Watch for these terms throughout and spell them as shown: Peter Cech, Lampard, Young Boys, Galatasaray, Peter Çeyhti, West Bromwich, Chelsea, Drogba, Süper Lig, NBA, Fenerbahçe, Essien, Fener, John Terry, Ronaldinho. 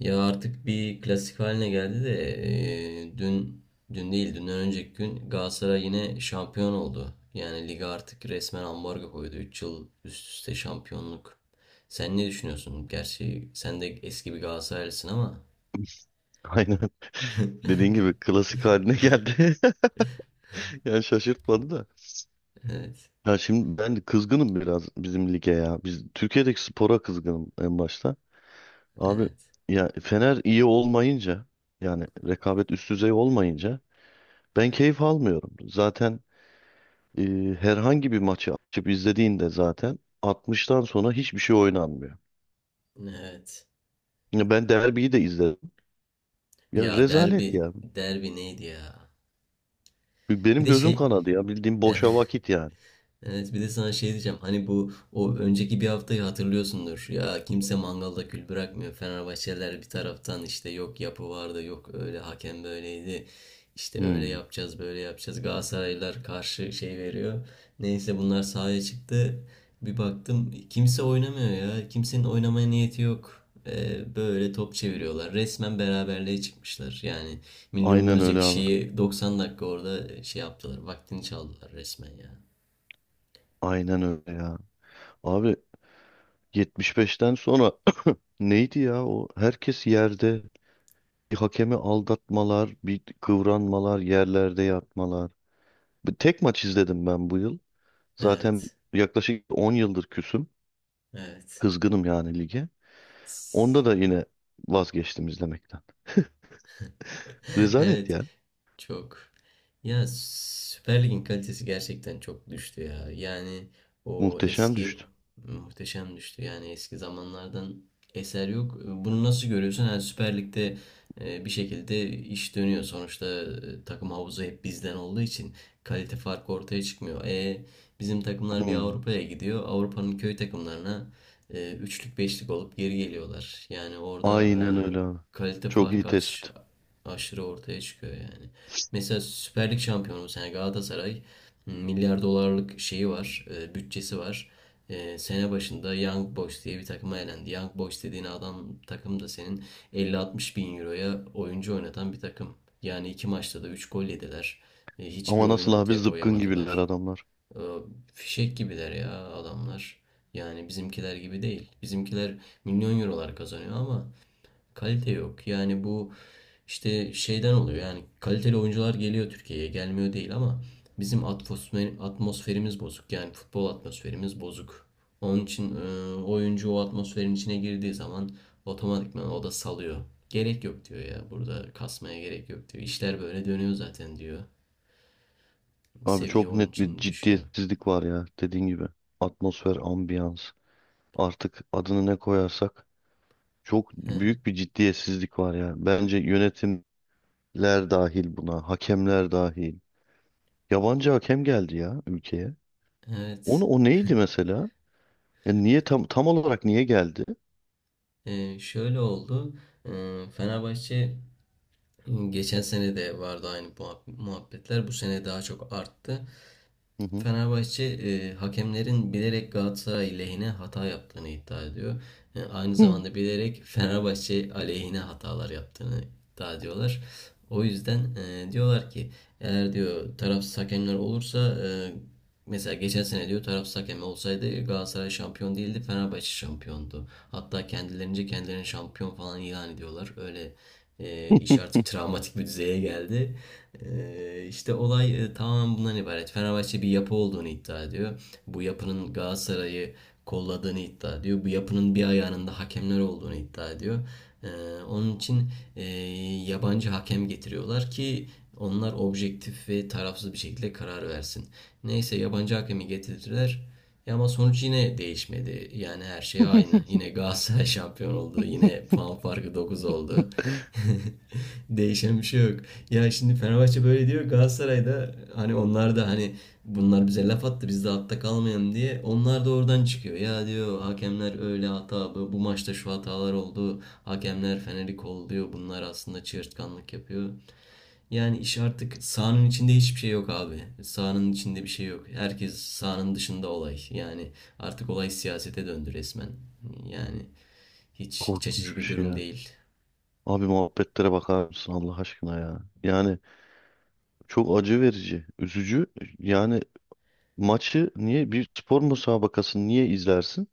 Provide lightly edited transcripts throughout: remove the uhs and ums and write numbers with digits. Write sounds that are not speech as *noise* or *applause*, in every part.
Ya artık bir klasik haline geldi de e, dün dün değil dünden önceki gün Galatasaray yine şampiyon oldu. Yani lige artık resmen ambargo koydu. Üç yıl üst üste şampiyonluk. Sen ne düşünüyorsun? Gerçi sen de eski bir Galatasaraylısın ama. Aynen dediğin gibi *laughs* klasik haline geldi. *laughs* Yani şaşırtmadı da. Evet, Ya şimdi ben kızgınım biraz bizim lige ya. Biz Türkiye'deki spora kızgınım en başta. Abi evet, ya Fener iyi olmayınca, yani rekabet üst düzey olmayınca ben keyif almıyorum. Zaten e, herhangi bir maçı açıp izlediğinde zaten 60'tan sonra hiçbir şey oynanmıyor. evet. Ya ben derbiyi de izledim. Ya Ya rezalet derbi, ya. derbi neydi ya? Bir Benim de gözüm şey, kanadı ya. Bildiğim boşa vakit yani. Evet, bir de sana şey diyeceğim. Hani bu o önceki bir haftayı hatırlıyorsundur. Ya kimse mangalda kül bırakmıyor. Fenerbahçeliler bir taraftan işte yok yapı vardı, yok öyle hakem böyleydi. İşte öyle Hmm. yapacağız, böyle yapacağız. Galatasaraylılar karşı şey veriyor. Neyse bunlar sahaya çıktı. Bir baktım kimse oynamıyor ya. Kimsenin oynamaya niyeti yok. Böyle top çeviriyorlar. Resmen beraberliğe çıkmışlar. Yani Aynen milyonlarca öyle abi. kişiyi 90 dakika orada şey yaptılar. Vaktini çaldılar resmen ya. Aynen öyle ya. Abi 75'ten sonra *clears throat* neydi ya o? Herkes yerde. Bir hakemi aldatmalar, bir kıvranmalar, yerlerde yatmalar. Bir tek maç izledim ben bu yıl. Zaten Evet. yaklaşık 10 yıldır küsüm. Evet. Kızgınım yani lige. Onda da yine vazgeçtim izlemekten. *laughs* Rezalet Evet. ya. Çok. Ya Süper Lig'in kalitesi gerçekten çok düştü ya. Yani o Muhteşem eski düştü. muhteşem düştü. Yani eski zamanlardan eser yok. Bunu nasıl görüyorsun? Yani Süper Lig'de bir şekilde iş dönüyor. Sonuçta takım havuzu hep bizden olduğu için kalite farkı ortaya çıkmıyor. Bizim takımlar bir Hmm. Avrupa'ya gidiyor. Avrupa'nın köy takımlarına üçlük beşlik olup geri geliyorlar. Yani orada Aynen öyle abi. kalite Çok iyi farkı tespit. aşırı ortaya çıkıyor yani. Mesela Süper Lig şampiyonu bu sene Galatasaray milyar dolarlık şeyi var, bütçesi var. Sene başında Young Boys diye bir takıma elendi. Young Boys dediğin adam takım da senin 50-60 bin euroya oyuncu oynatan bir takım. Yani iki maçta da 3 gol yediler. Hiçbir Ama oyun nasıl abi, ortaya zıpkın gibiler koyamadılar. adamlar. E, fişek gibiler ya adamlar. Yani bizimkiler gibi değil. Bizimkiler milyon eurolar kazanıyor ama kalite yok. Yani bu işte şeyden oluyor. Yani kaliteli oyuncular geliyor Türkiye'ye. Gelmiyor değil ama bizim atmosfer, atmosferimiz bozuk. Yani futbol atmosferimiz bozuk. Onun için oyuncu o atmosferin içine girdiği zaman otomatikman o da salıyor. Gerek yok diyor ya. Burada kasmaya gerek yok diyor. İşler böyle dönüyor zaten diyor. Abi Seviye çok onun net bir için düşüyor. ciddiyetsizlik var ya, dediğin gibi. Atmosfer, ambiyans, artık adını ne koyarsak, çok He, büyük bir ciddiyetsizlik var ya. Bence yönetimler dahil buna, hakemler dahil. Yabancı hakem geldi ya ülkeye. Onu, evet. o neydi mesela? Ya niye tam olarak niye geldi? Şöyle oldu. E, Fenerbahçe geçen sene de vardı aynı muhabbetler. Bu sene daha çok arttı. Hı hı. Fenerbahçe hakemlerin bilerek Galatasaray lehine hata yaptığını iddia ediyor. Aynı Hı. zamanda bilerek Fenerbahçe aleyhine hatalar yaptığını iddia ediyorlar. O yüzden diyorlar ki eğer diyor tarafsız hakemler olursa mesela geçen sene diyor tarafsız hakem olsaydı Galatasaray şampiyon değildi, Fenerbahçe şampiyondu. Hatta kendilerince kendilerini şampiyon falan ilan ediyorlar. Öyle iş artık travmatik bir düzeye geldi. İşte olay tamamen bundan ibaret. Fenerbahçe bir yapı olduğunu iddia ediyor. Bu yapının Galatasaray'ı kolladığını iddia ediyor. Bu yapının bir ayağının da hakemler olduğunu iddia ediyor. E, onun için e, yabancı hakem getiriyorlar ki onlar objektif ve tarafsız bir şekilde karar versin. Neyse yabancı hakemi getirdiler. Ya ama sonuç yine değişmedi. Yani her şey aynı. *laughs* Yine Galatasaray şampiyon oldu. Yine puan farkı 9 oldu. *laughs* Değişen bir şey yok. Ya şimdi Fenerbahçe böyle diyor. Galatasaray da hani, onlar da hani bunlar bize laf attı. Biz de altta kalmayalım diye. Onlar da oradan çıkıyor. Ya diyor hakemler öyle hata. Bu maçta şu hatalar oldu. Hakemler Fener'i kolluyor. Bunlar aslında çığırtkanlık yapıyor. Yani iş artık sahanın içinde hiçbir şey yok abi. Sahanın içinde bir şey yok. Herkes sahanın dışında olay. Yani artık olay siyasete döndü resmen. Yani hiç iç açıcı Korkunç bir bir şey durum ya. değil. Abi, muhabbetlere bakar mısın Allah aşkına ya? Yani çok acı verici, üzücü. Yani maçı niye, bir spor müsabakasını niye izlersin?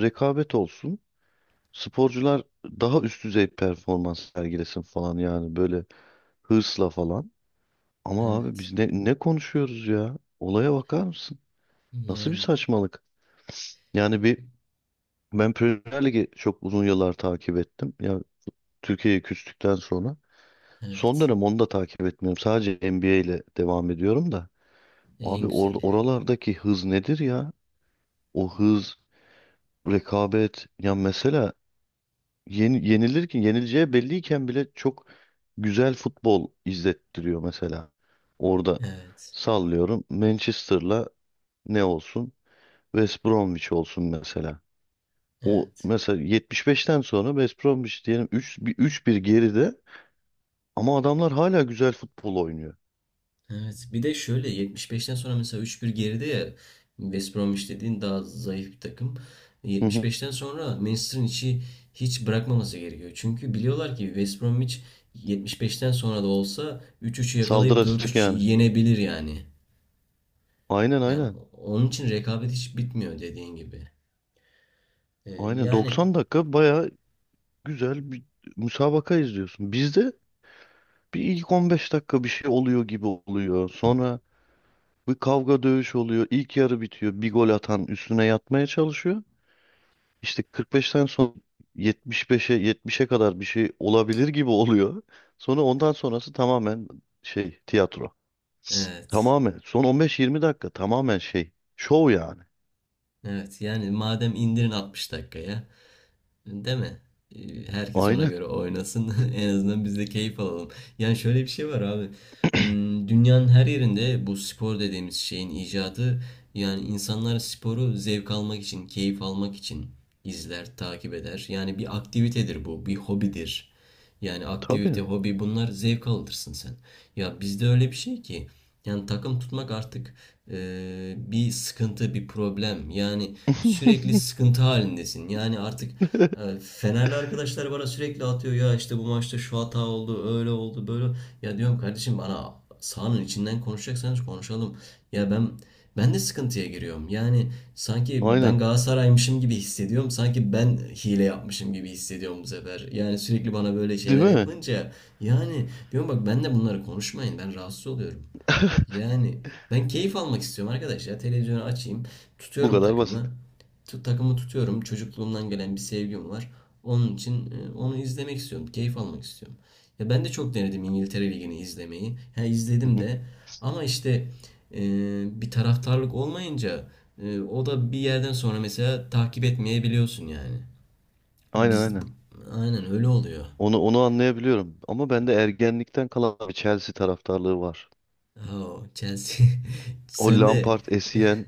Rekabet olsun. Sporcular daha üst düzey performans sergilesin falan, yani böyle hırsla falan. Ama abi biz Evet. ne konuşuyoruz ya? Olaya bakar mısın? Nasıl bir Yani saçmalık? Yani bir, ben Premier Lig'i çok uzun yıllar takip ettim. Ya Türkiye'ye küstükten sonra. Son evet. dönem onu da takip etmiyorum. Sadece NBA ile devam ediyorum da. Abi, En güzeli. oralardaki hız nedir ya? O hız, rekabet. Ya mesela yenilirken, yenileceği belliyken bile çok güzel futbol izlettiriyor mesela. Orada Evet. sallıyorum, Manchester'la ne olsun? West Bromwich olsun mesela. O Evet. mesela 75'ten sonra West Bromwich diyelim 3 bir, 3-1 geride ama adamlar hala güzel futbol oynuyor. Evet. Bir de şöyle 75'ten sonra mesela 3-1 geride ya, West Bromwich dediğin daha zayıf bir takım. Hı hı. 75'ten sonra Manchester'ın içi hiç bırakmaması gerekiyor. Çünkü biliyorlar ki West Bromwich 75'ten sonra da olsa 3-3'ü yakalayıp Saldıracak 4-3 yani. yenebilir yani. Aynen Yani aynen. onun için rekabet hiç bitmiyor dediğin gibi. Aynen Yani 90 dakika bayağı güzel bir müsabaka izliyorsun. Bizde bir ilk 15 dakika bir şey oluyor gibi oluyor. Sonra bir kavga dövüş oluyor. İlk yarı bitiyor. Bir gol atan üstüne yatmaya çalışıyor. İşte 45'ten sonra 75'e 70'e kadar bir şey olabilir gibi oluyor. Sonra ondan sonrası tamamen şey, tiyatro. evet. Tamamen son 15-20 dakika tamamen şey, şov yani. Evet yani madem indirin 60 dakikaya, değil mi? Herkes ona Aynen. göre oynasın. *laughs* En azından biz de keyif alalım. Yani şöyle bir şey var abi. Dünyanın her yerinde bu spor dediğimiz şeyin icadı, yani insanlar sporu zevk almak için, keyif almak için izler, takip eder. Yani bir aktivitedir bu, bir hobidir. Yani Tabii. aktivite, hobi bunlar zevk alırsın sen. Ya bizde öyle bir şey ki yani takım tutmak artık bir sıkıntı, bir problem. Yani sürekli *laughs* sıkıntı halindesin. Yani artık Fenerli arkadaşlar bana sürekli atıyor ya işte bu maçta şu hata oldu, öyle oldu, böyle. Ya diyorum kardeşim bana sahanın içinden konuşacaksanız konuşalım. Ya ben de sıkıntıya giriyorum. Yani sanki Aynen. ben Galatasaray'mışım gibi hissediyorum. Sanki ben hile yapmışım gibi hissediyorum bu sefer. Yani sürekli bana böyle Değil şeyler mi? yapılınca yani diyorum bak ben de bunları konuşmayın. Ben rahatsız oluyorum. *laughs* Yani ben keyif almak istiyorum arkadaş ya. Televizyonu açayım. Bu Tutuyorum kadar basit. takımı. Takımı tutuyorum. Çocukluğumdan gelen bir sevgim var. Onun için onu izlemek istiyorum. Keyif almak istiyorum. Ya ben de çok denedim İngiltere Ligi'ni izlemeyi. Ha, Hı izledim hı. de. Ama işte e, bir taraftarlık olmayınca o da bir yerden sonra mesela takip etmeyebiliyorsun yani. Aynen Biz bu- aynen. aynen öyle oluyor. Onu anlayabiliyorum. Ama bende ergenlikten kalan bir Chelsea taraftarlığı var. Ha, o Chelsea. *laughs* O Sen de Lampard, Essien,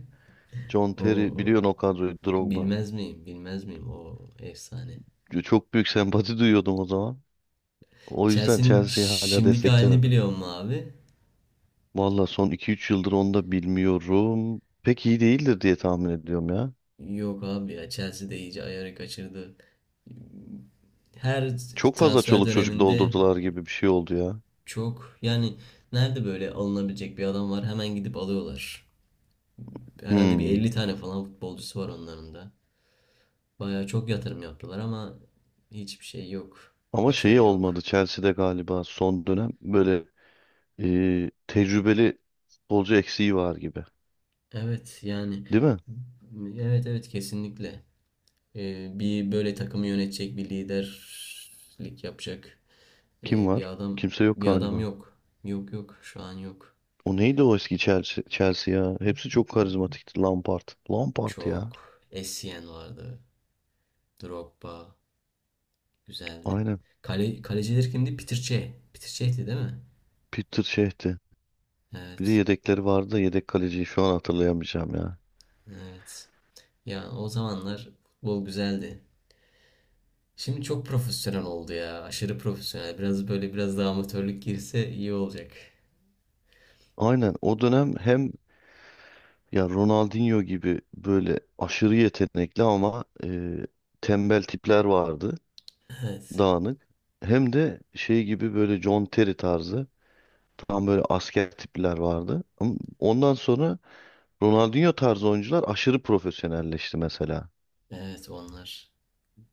John Terry, o biliyorsun o kadroyu, Drogba. Bilmez miyim? Bilmez miyim? O efsane. Çok büyük sempati duyuyordum o zaman. O yüzden Chelsea'nin Chelsea'yi hala şimdiki halini desteklerim. biliyor mu abi? Valla son iki üç yıldır onu da bilmiyorum. Pek iyi değildir diye tahmin ediyorum ya. Yok abi ya, Chelsea de iyice ayarı kaçırdı. Her Çok fazla transfer çoluk çocuk döneminde doldurdular gibi bir şey oldu ya. çok yani nerede böyle alınabilecek bir adam var hemen gidip alıyorlar. Herhalde bir Hmm. 50 tane falan futbolcusu var onların da. Bayağı çok yatırım yaptılar ama hiçbir şey yok. Ama Başarı şeyi olmadı yok. Chelsea'de galiba son dönem böyle, tecrübeli futbolcu eksiği var gibi. Evet yani Değil mi? evet, evet kesinlikle. Bir böyle takımı yönetecek, bir liderlik yapacak Kim ee, bir var? adam Kimse yok bir adam galiba. yok. Yok yok, şu an yok. O neydi o eski Chelsea ya? Hepsi çok karizmatikti. Lampard. Lampard ya. Çok. Essien vardı. Drogba güzeldi. Aynen. Kale, kaleciler kimdi? Peter Cech. Peter Cech'ti değil mi? Peter şeyhti. Bir de Evet. yedekleri vardı da yedek kaleciyi şu an hatırlayamayacağım ya. Evet. Ya o zamanlar futbol güzeldi. Şimdi çok profesyonel oldu ya. Aşırı profesyonel. Biraz böyle biraz daha amatörlük girse iyi olacak. Aynen o dönem hem, ya Ronaldinho gibi böyle aşırı yetenekli ama tembel tipler vardı. Evet. Dağınık. Hem de şey gibi, böyle John Terry tarzı tam böyle asker tipler vardı. Ama ondan sonra Ronaldinho tarzı oyuncular aşırı profesyonelleşti mesela. Evet onlar.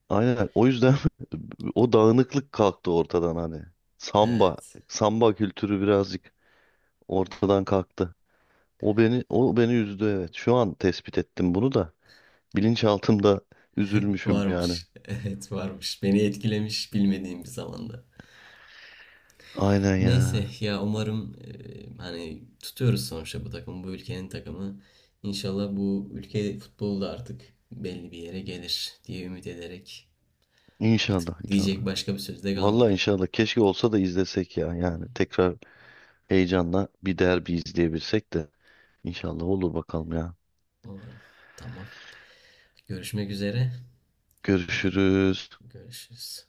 Aynen, o yüzden *laughs* o dağınıklık kalktı ortadan hani. Samba, Evet. samba kültürü birazcık ortadan kalktı. O beni üzdü, evet. Şu an tespit ettim bunu da. Bilinçaltımda üzülmüşüm yani. Varmış. *laughs* Evet varmış. Beni etkilemiş bilmediğim bir zamanda. Aynen Neyse ya. ya, umarım hani tutuyoruz sonuçta bu takımı. Bu ülkenin takımı. İnşallah bu ülke futbolu da artık belli bir yere gelir diye ümit ederek, artık İnşallah inşallah. diyecek başka bir söz de Vallahi kalmadı. inşallah, keşke olsa da izlesek ya. Yani tekrar heyecanla bir derbi izleyebilsek de. İnşallah olur bakalım ya. Umarım. Tamam. Görüşmek üzere. Yine Görüşürüz. görüşürüz.